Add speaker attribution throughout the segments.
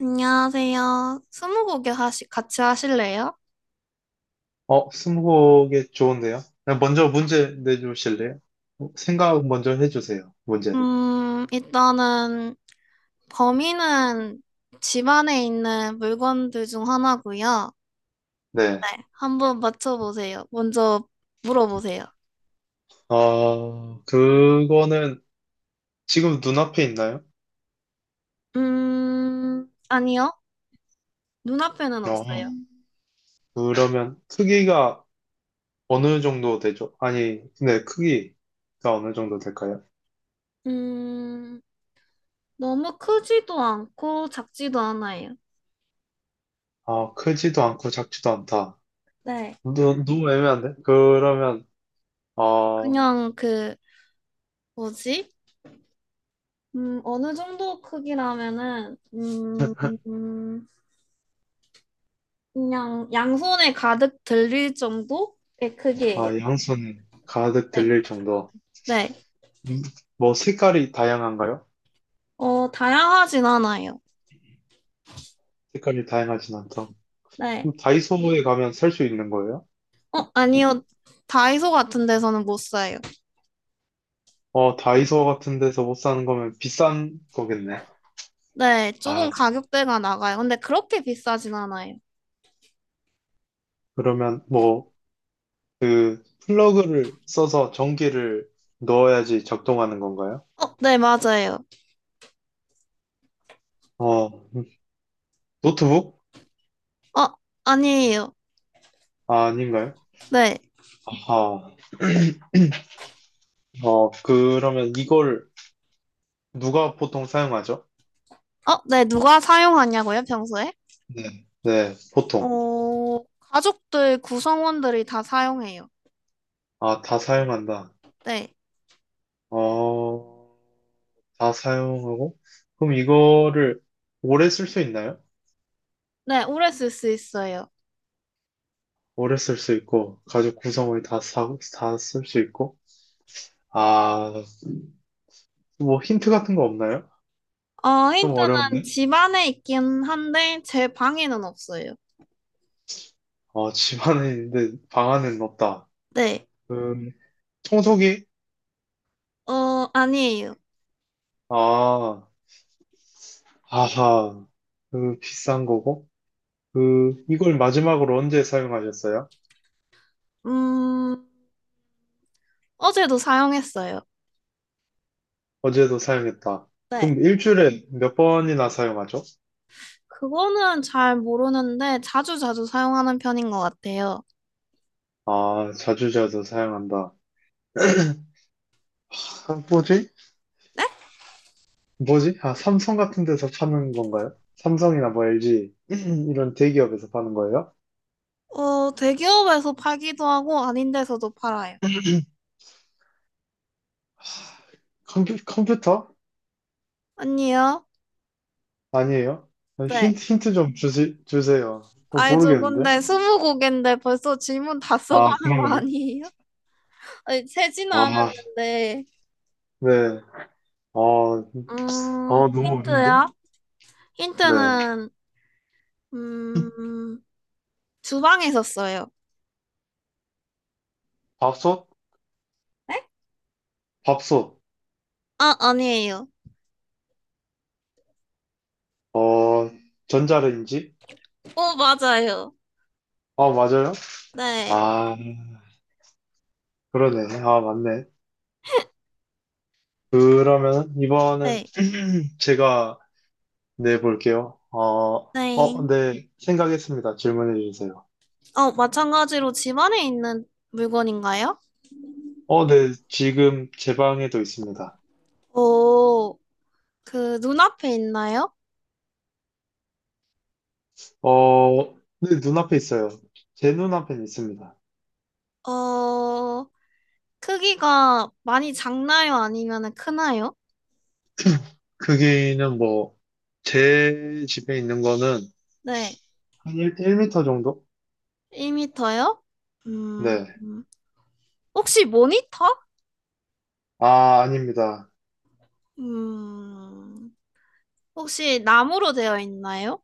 Speaker 1: 안녕하세요. 같이 하실래요?
Speaker 2: 어, 스무고개 좋은데요? 그냥 먼저 문제 내주실래요? 어, 생각 먼저 해주세요. 문제.
Speaker 1: 일단은 범인은 집 안에 있는 물건들 중 하나고요.
Speaker 2: 네.
Speaker 1: 네, 한번 맞춰보세요. 먼저 물어보세요.
Speaker 2: 어, 그거는 지금 눈앞에 있나요?
Speaker 1: 아니요. 눈앞에는
Speaker 2: 어,
Speaker 1: 없어요.
Speaker 2: 그러면 크기가 어느 정도 되죠? 아니, 네, 크기가 어느 정도 될까요?
Speaker 1: 음, 너무 크지도 않고 작지도 않아요.
Speaker 2: 어, 크지도 않고 작지도 않다.
Speaker 1: 네,
Speaker 2: 너, 너무 애매한데? 그러면, 어,
Speaker 1: 그냥 그, 뭐지? 어느 정도 크기라면은, 그냥 양손에 가득 들릴 정도의 크기예요.
Speaker 2: 아, 양손 가득
Speaker 1: 네.
Speaker 2: 들릴 정도.
Speaker 1: 네.
Speaker 2: 음, 뭐, 색깔이 다양한가요?
Speaker 1: 다양하진 않아요.
Speaker 2: 색깔이 다양하진 않다.
Speaker 1: 네.
Speaker 2: 그럼 다이소에 가면 살 수 있는 거예요?
Speaker 1: 아니요. 다이소 같은 데서는 못 사요.
Speaker 2: 어, 다이소 같은 데서 못 사는 거면 비싼 거겠네.
Speaker 1: 네. 조금
Speaker 2: 아,
Speaker 1: 가격대가 나가요. 근데 그렇게 비싸진 않아요.
Speaker 2: 그러면 뭐, 그, 플러그를 써서 전기를 넣어야지 작동하는 건가요?
Speaker 1: 네, 맞아요.
Speaker 2: 어, 노트북?
Speaker 1: 어, 아니에요.
Speaker 2: 아, 아닌가요?
Speaker 1: 네.
Speaker 2: 아하. 어, 그러면 이걸 누가 보통 사용하죠?
Speaker 1: 네. 누가 사용하냐고요, 평소에?
Speaker 2: 네. 네, 보통.
Speaker 1: 가족들, 구성원들이 다 사용해요.
Speaker 2: 아, 다 사용한다.
Speaker 1: 네.
Speaker 2: 어, 다 사용하고? 그럼 이거를 오래 쓸 수 있나요?
Speaker 1: 네, 오래 쓸 수 있어요.
Speaker 2: 오래 쓸 수 있고, 가죽 구성을 다 사, 다쓸 수 있고. 아, 뭐 힌트 같은 거 없나요? 좀
Speaker 1: 힌트는
Speaker 2: 어려운데?
Speaker 1: 집 안에 있긴 한데, 제 방에는 없어요.
Speaker 2: 어, 집 안에 있는데 방 안에는 없다.
Speaker 1: 네.
Speaker 2: 음, 청소기?
Speaker 1: 아니에요.
Speaker 2: 아, 아하. 그 비싼 거고. 그, 이걸 마지막으로 언제 사용하셨어요?
Speaker 1: 음, 어제도 사용했어요.
Speaker 2: 어제도 사용했다.
Speaker 1: 네.
Speaker 2: 그럼 일주일에 몇 번이나 사용하죠?
Speaker 1: 그거는 잘 모르는데, 자주 자주 사용하는 편인 것 같아요.
Speaker 2: 아, 자주자주 사용한다. 아, 뭐지?
Speaker 1: 네?
Speaker 2: 뭐지? 아, 삼성 같은 데서 파는 건가요? 삼성이나 뭐 LG 이런 대기업에서 파는 거예요?
Speaker 1: 대기업에서 팔기도 하고, 아닌 데서도 팔아요.
Speaker 2: 컴퓨터?
Speaker 1: 아니요.
Speaker 2: 아니에요? 아니,
Speaker 1: 네.
Speaker 2: 힌트 좀 주세요. 어,
Speaker 1: 아이저
Speaker 2: 모르겠는데?
Speaker 1: 근데 스무 곡인데 벌써 질문 다 써고
Speaker 2: 아,
Speaker 1: 하는 거
Speaker 2: 그런가요?
Speaker 1: 아니에요? 아니, 세지는
Speaker 2: 아,
Speaker 1: 않았는데.
Speaker 2: 네. 어, 어, 너무 어려운데?
Speaker 1: 힌트요?
Speaker 2: 네.
Speaker 1: 힌트는, 음, 주방에서 써요.
Speaker 2: 밥솥?
Speaker 1: 네?
Speaker 2: 밥솥.
Speaker 1: 아, 아니에요.
Speaker 2: 어, 전자레인지?
Speaker 1: 맞아요.
Speaker 2: 아, 맞아요?
Speaker 1: 네.
Speaker 2: 아, 그러네. 아, 맞네. 그러면 이번은
Speaker 1: 네.
Speaker 2: 제가 네, 볼게요. 어,
Speaker 1: 네.
Speaker 2: 어, 네, 생각했습니다. 질문해 주세요.
Speaker 1: 마찬가지로 집안에 있는 물건인가요?
Speaker 2: 어, 네, 지금 제 방에도 있습니다.
Speaker 1: 어, 눈앞에 있나요?
Speaker 2: 어, 네, 눈앞에 있어요. 제 눈앞에 있습니다.
Speaker 1: 어, 크기가 많이 작나요? 아니면 크나요?
Speaker 2: 크기는 뭐, 제 집에 있는 거는
Speaker 1: 네.
Speaker 2: 한 일미터 정도?
Speaker 1: 1미터요? 음,
Speaker 2: 네.
Speaker 1: 음. 혹시 모니터?
Speaker 2: 아, 아닙니다.
Speaker 1: 음, 혹시 나무로 되어 있나요?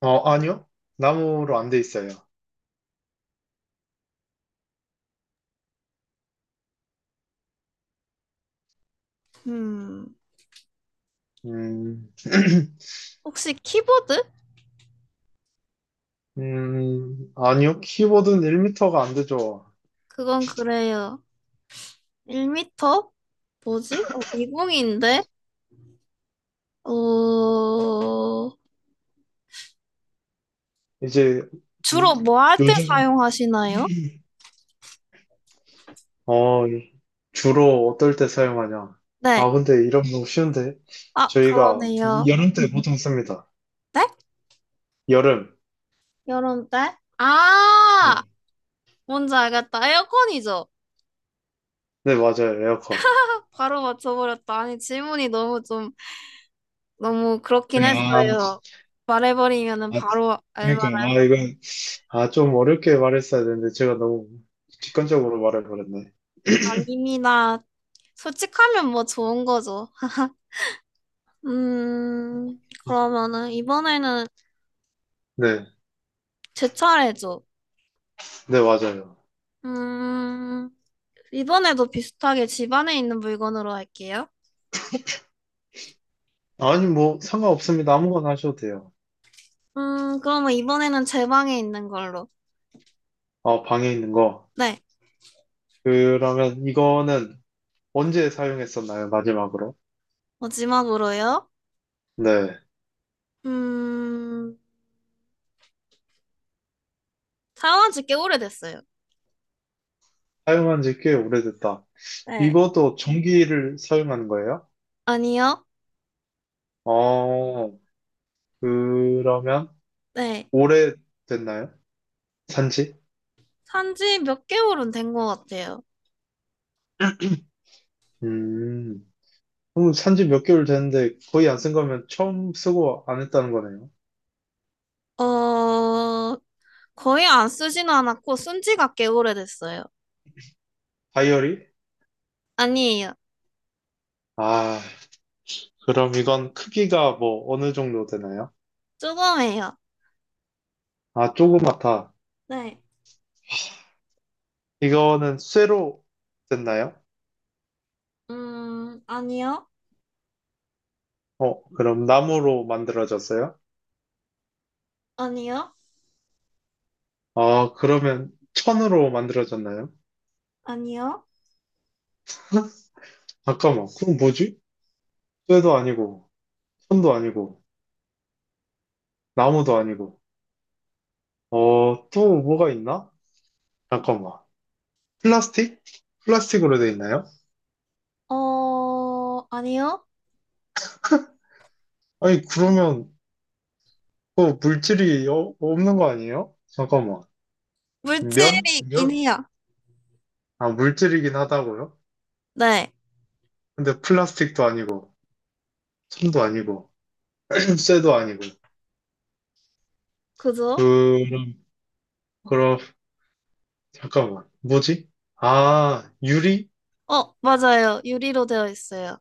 Speaker 2: 어, 아니요. 나무로 안 돼 있어요.
Speaker 1: 음,
Speaker 2: 음,
Speaker 1: 혹시 키보드?
Speaker 2: 아니요. 키보드는 1미터가 안 되죠.
Speaker 1: 그건 그래요. 1미터? 뭐지? 미궁인데? 어,
Speaker 2: 이제, 이-
Speaker 1: 주로 뭐 할 때
Speaker 2: 요즘,
Speaker 1: 사용하시나요?
Speaker 2: 어, 주로 어떨 때 사용하냐?
Speaker 1: 네.
Speaker 2: 아, 근데 이런 거 너무 쉬운데?
Speaker 1: 아,
Speaker 2: 저희가
Speaker 1: 그러네요.
Speaker 2: 여름 때 보통 씁니다.
Speaker 1: 네?
Speaker 2: 여름.
Speaker 1: 여름 때? 아!
Speaker 2: 네.
Speaker 1: 뭔지 알겠다. 에어컨이죠?
Speaker 2: 네, 맞아요. 에어컨.
Speaker 1: 바로 맞춰버렸다. 아니, 질문이 너무 좀, 너무 그렇긴
Speaker 2: 네, 아,
Speaker 1: 했어요. 말해버리면은
Speaker 2: 아,
Speaker 1: 바로
Speaker 2: 그러니까,
Speaker 1: 알만한.
Speaker 2: 아, 이건, 아, 좀 어렵게 말했어야 되는데 제가 너무 직관적으로 말해버렸네.
Speaker 1: 아닙니다. 솔직하면 뭐 좋은 거죠. 음, 그러면은 이번에는
Speaker 2: 네,
Speaker 1: 제 차례죠.
Speaker 2: 네, 맞아요.
Speaker 1: 음, 이번에도 비슷하게 집 안에 있는 물건으로 할게요.
Speaker 2: 아니, 뭐, 상관없습니다. 아무거나 하셔도 돼요.
Speaker 1: 그러면 이번에는 제 방에 있는 걸로.
Speaker 2: 아 방에 있는 거.
Speaker 1: 네,
Speaker 2: 그러면 이거는 언제 사용했었나요? 마지막으로.
Speaker 1: 마지막으로요.
Speaker 2: 네,
Speaker 1: 음, 사용한 지 꽤 오래됐어요.
Speaker 2: 사용한 지 꽤 오래됐다.
Speaker 1: 네.
Speaker 2: 이것도 전기를 사용하는 거예요?
Speaker 1: 아니요.
Speaker 2: 어, 그러면
Speaker 1: 네.
Speaker 2: 오래됐나요? 산지?
Speaker 1: 산 지 몇 개월은 된 것 같아요.
Speaker 2: 음, 그럼 산지 몇 개월 됐는데 거의 안 쓴 거면 처음 쓰고 안 했다는 거네요.
Speaker 1: 어, 거의 안 쓰지는 않았고, 쓴 지가 꽤 오래됐어요.
Speaker 2: 다이어리?
Speaker 1: 아니에요.
Speaker 2: 아, 그럼 이건 크기가 뭐 어느 정도 되나요?
Speaker 1: 조금해요.
Speaker 2: 아, 조그맣다.
Speaker 1: 네.
Speaker 2: 이거는 쇠로 됐나요?
Speaker 1: 아니요.
Speaker 2: 어, 그럼 나무로 만들어졌어요?
Speaker 1: 아니요.
Speaker 2: 아, 그러면 천으로 만들어졌나요?
Speaker 1: 아니요.
Speaker 2: 잠깐만, 그럼 뭐지? 쇠도 아니고, 천도 아니고. 나무도 아니고. 어, 또 뭐가 있나? 잠깐만. 플라스틱? 플라스틱으로 돼 있나요?
Speaker 1: 아니요.
Speaker 2: 아니, 그러면 그 물질이 없는 거 아니에요? 잠깐만. 면?
Speaker 1: 물질이 있긴
Speaker 2: 면?
Speaker 1: 해요.
Speaker 2: 아, 물질이긴 하다고요?
Speaker 1: 네,
Speaker 2: 근데 플라스틱도 아니고, 천도 아니고, 쇠도 아니고.
Speaker 1: 그죠?
Speaker 2: 그럼, 그럼, 잠깐만. 뭐지? 아, 유리?
Speaker 1: 맞아요. 유리로 되어 있어요.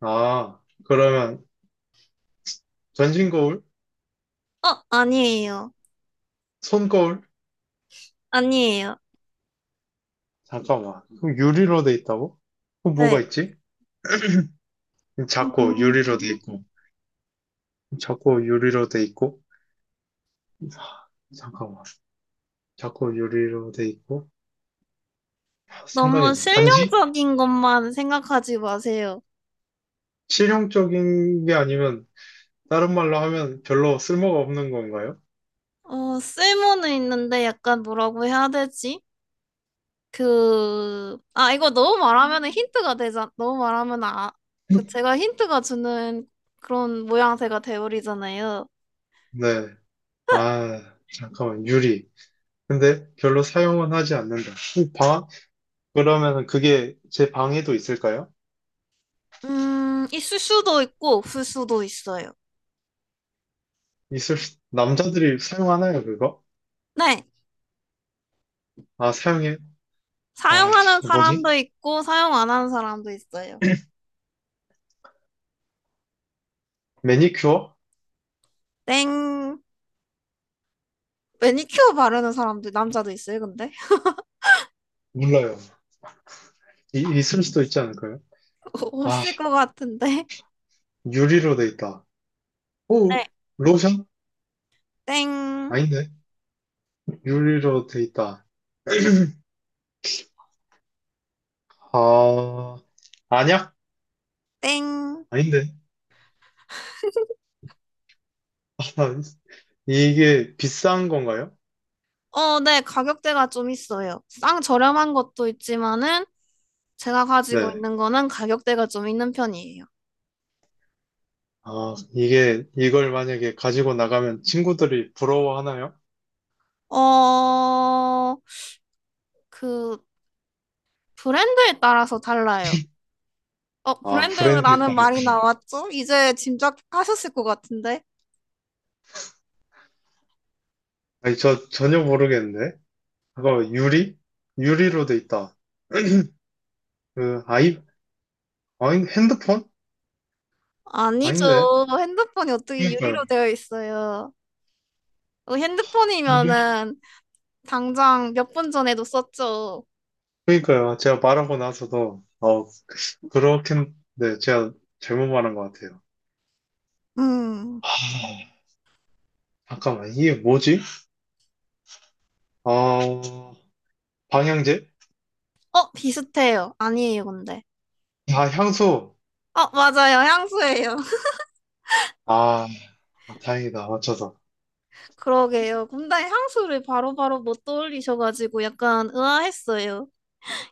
Speaker 2: 아, 그러면 전신 거울?
Speaker 1: 아니에요.
Speaker 2: 손 거울?
Speaker 1: 아니에요.
Speaker 2: 잠깐만. 그럼 유리로 돼 있다고? 그럼 뭐가
Speaker 1: 네.
Speaker 2: 있지? 작고
Speaker 1: 음,
Speaker 2: 유리로 돼 있고. 자꾸 유리로 돼 있고 아, 잠깐만 자꾸 유리로 돼 있고 아, 생각이
Speaker 1: 너무
Speaker 2: 안 나. 반지?
Speaker 1: 실용적인 것만 생각하지 마세요.
Speaker 2: 실용적인 게 아니면 다른 말로 하면 별로 쓸모가 없는 건가요?
Speaker 1: 쓸모는 있는데 약간 뭐라고 해야 되지? 이거 너무 말하면 힌트가 되잖아. 너무 말하면 아, 그 제가 힌트가 주는 그런 모양새가 되어버리잖아요.
Speaker 2: 네. 아, 잠깐만 유리. 근데 별로 사용은 하지 않는다. 이 방 그러면 그게 제 방에도 있을까요?
Speaker 1: 있을 수도 있고, 없을 수도 있어요.
Speaker 2: 있을 수- 남자들이 사용하나요 그거?
Speaker 1: 네.
Speaker 2: 아 사용해.
Speaker 1: 사용하는
Speaker 2: 아씨 뭐지?
Speaker 1: 사람도 있고 사용 안 하는 사람도 있어요.
Speaker 2: 매니큐어?
Speaker 1: 땡. 매니큐어 바르는 사람도 남자도 있어요, 근데?
Speaker 2: 몰라요. 있을 수도 있지 않을까요? 아
Speaker 1: 없을 것 같은데.
Speaker 2: 유리로 돼 있다. 오,
Speaker 1: 네.
Speaker 2: 로션?
Speaker 1: 땡.
Speaker 2: 아닌데? 유리로 돼 있다. 아, 아니야?
Speaker 1: 땡.
Speaker 2: 아닌데? 아, 이게 비싼 건가요?
Speaker 1: 어, 네. 가격대가 좀 있어요. 쌍 저렴한 것도 있지만은 제가 가지고
Speaker 2: 네.
Speaker 1: 있는 거는 가격대가 좀 있는 편이에요.
Speaker 2: 아, 이게, 이걸 만약에 가지고 나가면 친구들이 부러워하나요?
Speaker 1: 어, 그 브랜드에 따라서 달라요.
Speaker 2: 아, 브랜드에
Speaker 1: 브랜드라는
Speaker 2: 따라.
Speaker 1: 말이 나왔죠? 이제 짐작하셨을 것 같은데.
Speaker 2: 아니, 저 전혀 모르겠는데? 그거 유리? 유리로 돼 있다. 그, 아이, 아니, 핸드폰? 아닌데?
Speaker 1: 아니죠. 핸드폰이 어떻게
Speaker 2: 그러니까요.
Speaker 1: 유리로 되어 있어요.
Speaker 2: 유리?
Speaker 1: 핸드폰이면은 당장 몇 분 전에도 썼죠.
Speaker 2: 그러니까요. 제가 말하고 나서도, 어, 그렇긴, 네, 제가 잘못 말한 것 같아요.
Speaker 1: 음.
Speaker 2: 아, 잠깐만, 이게 뭐지? 아, 방향제?
Speaker 1: 비슷해요. 아니에요, 근데.
Speaker 2: 아, 향수.
Speaker 1: 맞아요. 향수예요.
Speaker 2: 아, 다행이다. 맞춰서.
Speaker 1: 그러게요. 근데 향수를 바로바로 못 떠올리셔가지고 약간 의아했어요.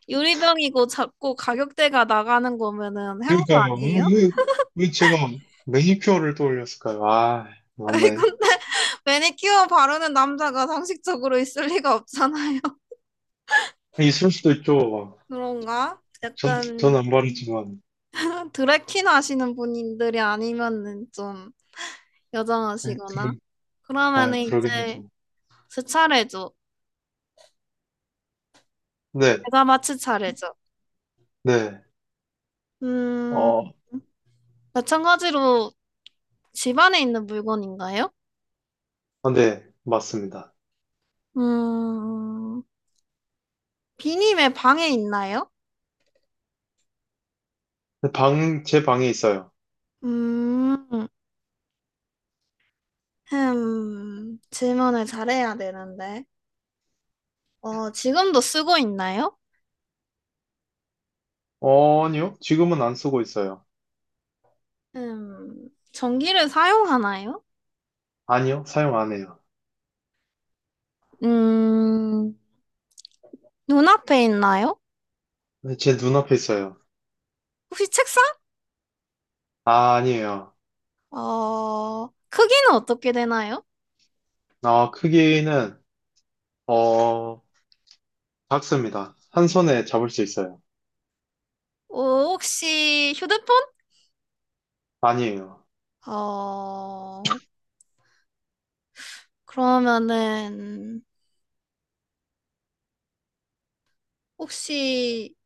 Speaker 1: 유리병이고 작고 가격대가 나가는 거면은 향수
Speaker 2: 그러니까요.
Speaker 1: 아니에요?
Speaker 2: 왜 제가 매니큐어를 떠올렸을까요? 아, 맞네.
Speaker 1: 이건 매니큐어 바르는 남자가 상식적으로 있을 리가 없잖아요.
Speaker 2: 있을 수도 있죠. 막.
Speaker 1: 그런가?
Speaker 2: 전, 전
Speaker 1: 약간
Speaker 2: 안 바르지만.
Speaker 1: 드래퀸 하시는 분들이 아니면은 좀
Speaker 2: 네,
Speaker 1: 여정하시거나
Speaker 2: 그러, 아,
Speaker 1: 그러면은
Speaker 2: 그러긴
Speaker 1: 이제
Speaker 2: 하죠.
Speaker 1: 제 차례죠.
Speaker 2: 네,
Speaker 1: 제가 마칠 차례죠.
Speaker 2: 네.
Speaker 1: 음,
Speaker 2: 어,
Speaker 1: 마찬가지로 집 안에 있는 물건인가요?
Speaker 2: 아, 네, 맞습니다.
Speaker 1: 음, 비님의 방에 있나요?
Speaker 2: 방, 제 방에 있어요.
Speaker 1: 음, 질문을 잘해야 되는데. 지금도 쓰고 있나요?
Speaker 2: 어, 아니요. 지금은 안 쓰고 있어요.
Speaker 1: 전기를 사용하나요?
Speaker 2: 아니요. 사용 안 해요.
Speaker 1: 음, 눈앞에 있나요?
Speaker 2: 네, 제 눈앞에 있어요.
Speaker 1: 혹시 책상
Speaker 2: 아, 아니에요.
Speaker 1: 크기는 어떻게 되나요?
Speaker 2: 어, 크기는, 어, 작습니다. 한 손에 잡을 수 있어요.
Speaker 1: 어, 혹시 휴대폰?
Speaker 2: 아니에요.
Speaker 1: 어, 그러면은, 혹시,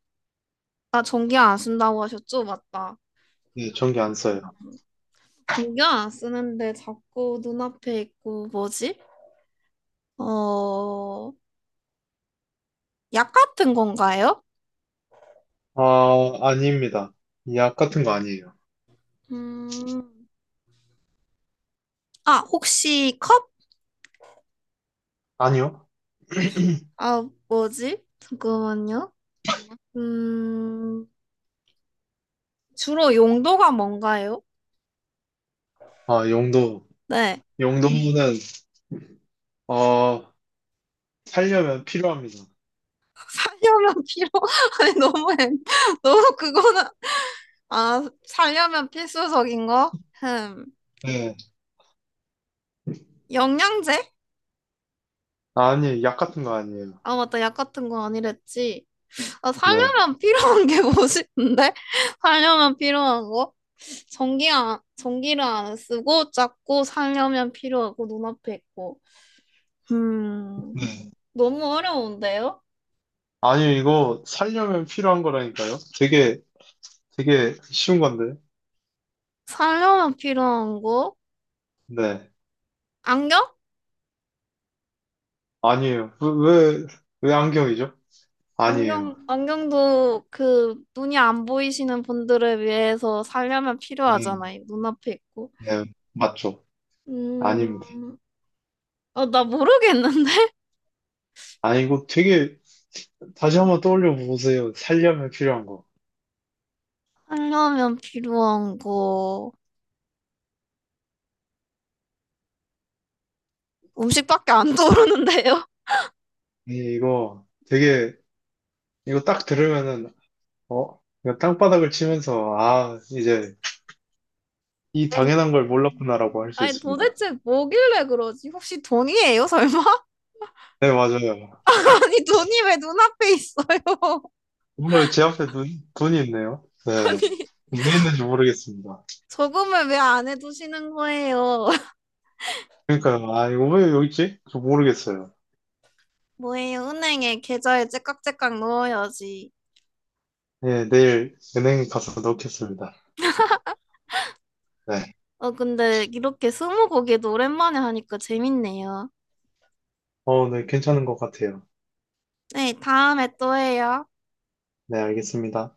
Speaker 1: 아, 전기 안 쓴다고 하셨죠? 맞다.
Speaker 2: 네, 전기 안 써요.
Speaker 1: 전기 안 쓰는데 자꾸 눈앞에 있고, 뭐지? 어, 약 같은 건가요?
Speaker 2: 아, 아닙니다. 약 같은 거 아니에요.
Speaker 1: 음, 아, 혹시 컵?
Speaker 2: 아니요.
Speaker 1: 아, 뭐지? 잠깐만요. 음, 주로 용도가 뭔가요?
Speaker 2: 아, 용도.
Speaker 1: 네.
Speaker 2: 용도는, 어, 살려면 필요합니다.
Speaker 1: 살려면 필요 아니 너무 애- 너무 그거는 아 살려면 필수적인 거? 흠
Speaker 2: 네.
Speaker 1: 영양제?
Speaker 2: 아니, 약 같은 거 아니에요.
Speaker 1: 아 맞다 약 같은 거 아니랬지 아
Speaker 2: 네.
Speaker 1: 살려면 필요한 게 뭐지 근데 살려면 필요한 거? 전기를 안 쓰고 작고 살려면 필요하고 눈앞에 있고 음
Speaker 2: 네.
Speaker 1: 너무 어려운데요?
Speaker 2: 아니, 이거 살려면 필요한 거라니까요. 되게, 되게 쉬운 건데.
Speaker 1: 살려면 필요한 거?
Speaker 2: 네.
Speaker 1: 안경?
Speaker 2: 아니에요. 왜 안경이죠?
Speaker 1: 안경,
Speaker 2: 아니에요.
Speaker 1: 안경도 그 눈이 안 보이시는 분들을 위해서 살려면
Speaker 2: 네.
Speaker 1: 필요하잖아요. 눈앞에 있고.
Speaker 2: 네. 맞죠.
Speaker 1: 음,
Speaker 2: 아닙니다.
Speaker 1: 어, 나 모르겠는데?
Speaker 2: 아, 이거 되게, 다시 한 번 떠올려 보세요. 살려면 필요한 거.
Speaker 1: 살려면 필요한 거. 음식밖에 안 떠오르는데요?
Speaker 2: 이거 되게 이거 딱 들으면은 어 이거 땅바닥을 치면서 아 이제 이
Speaker 1: 아니,
Speaker 2: 당연한 걸 몰랐구나라고 할 수
Speaker 1: 아니,
Speaker 2: 있습니다.
Speaker 1: 도대체 뭐길래 그러지? 혹시 돈이에요, 설마?
Speaker 2: 네 맞아요.
Speaker 1: 아니, 돈이 왜 눈앞에 있어요?
Speaker 2: 오늘 제 앞에 눈 눈이 있네요. 네.
Speaker 1: 아니,
Speaker 2: 왜 있는지 모르겠습니다.
Speaker 1: 저금을 왜 안 해두시는 거예요?
Speaker 2: 그러니까요. 아 이거 왜 여기 있지? 저 모르겠어요.
Speaker 1: 뭐예요? 은행에 계좌에 째깍째깍 넣어야지.
Speaker 2: 네 내일 은행 가서 넣겠습니다. 네.
Speaker 1: 어, 근데 이렇게 스무고개도 오랜만에 하니까 재밌네요.
Speaker 2: 어, 네 괜찮은 것 같아요.
Speaker 1: 네, 다음에 또 해요.
Speaker 2: 네 알겠습니다.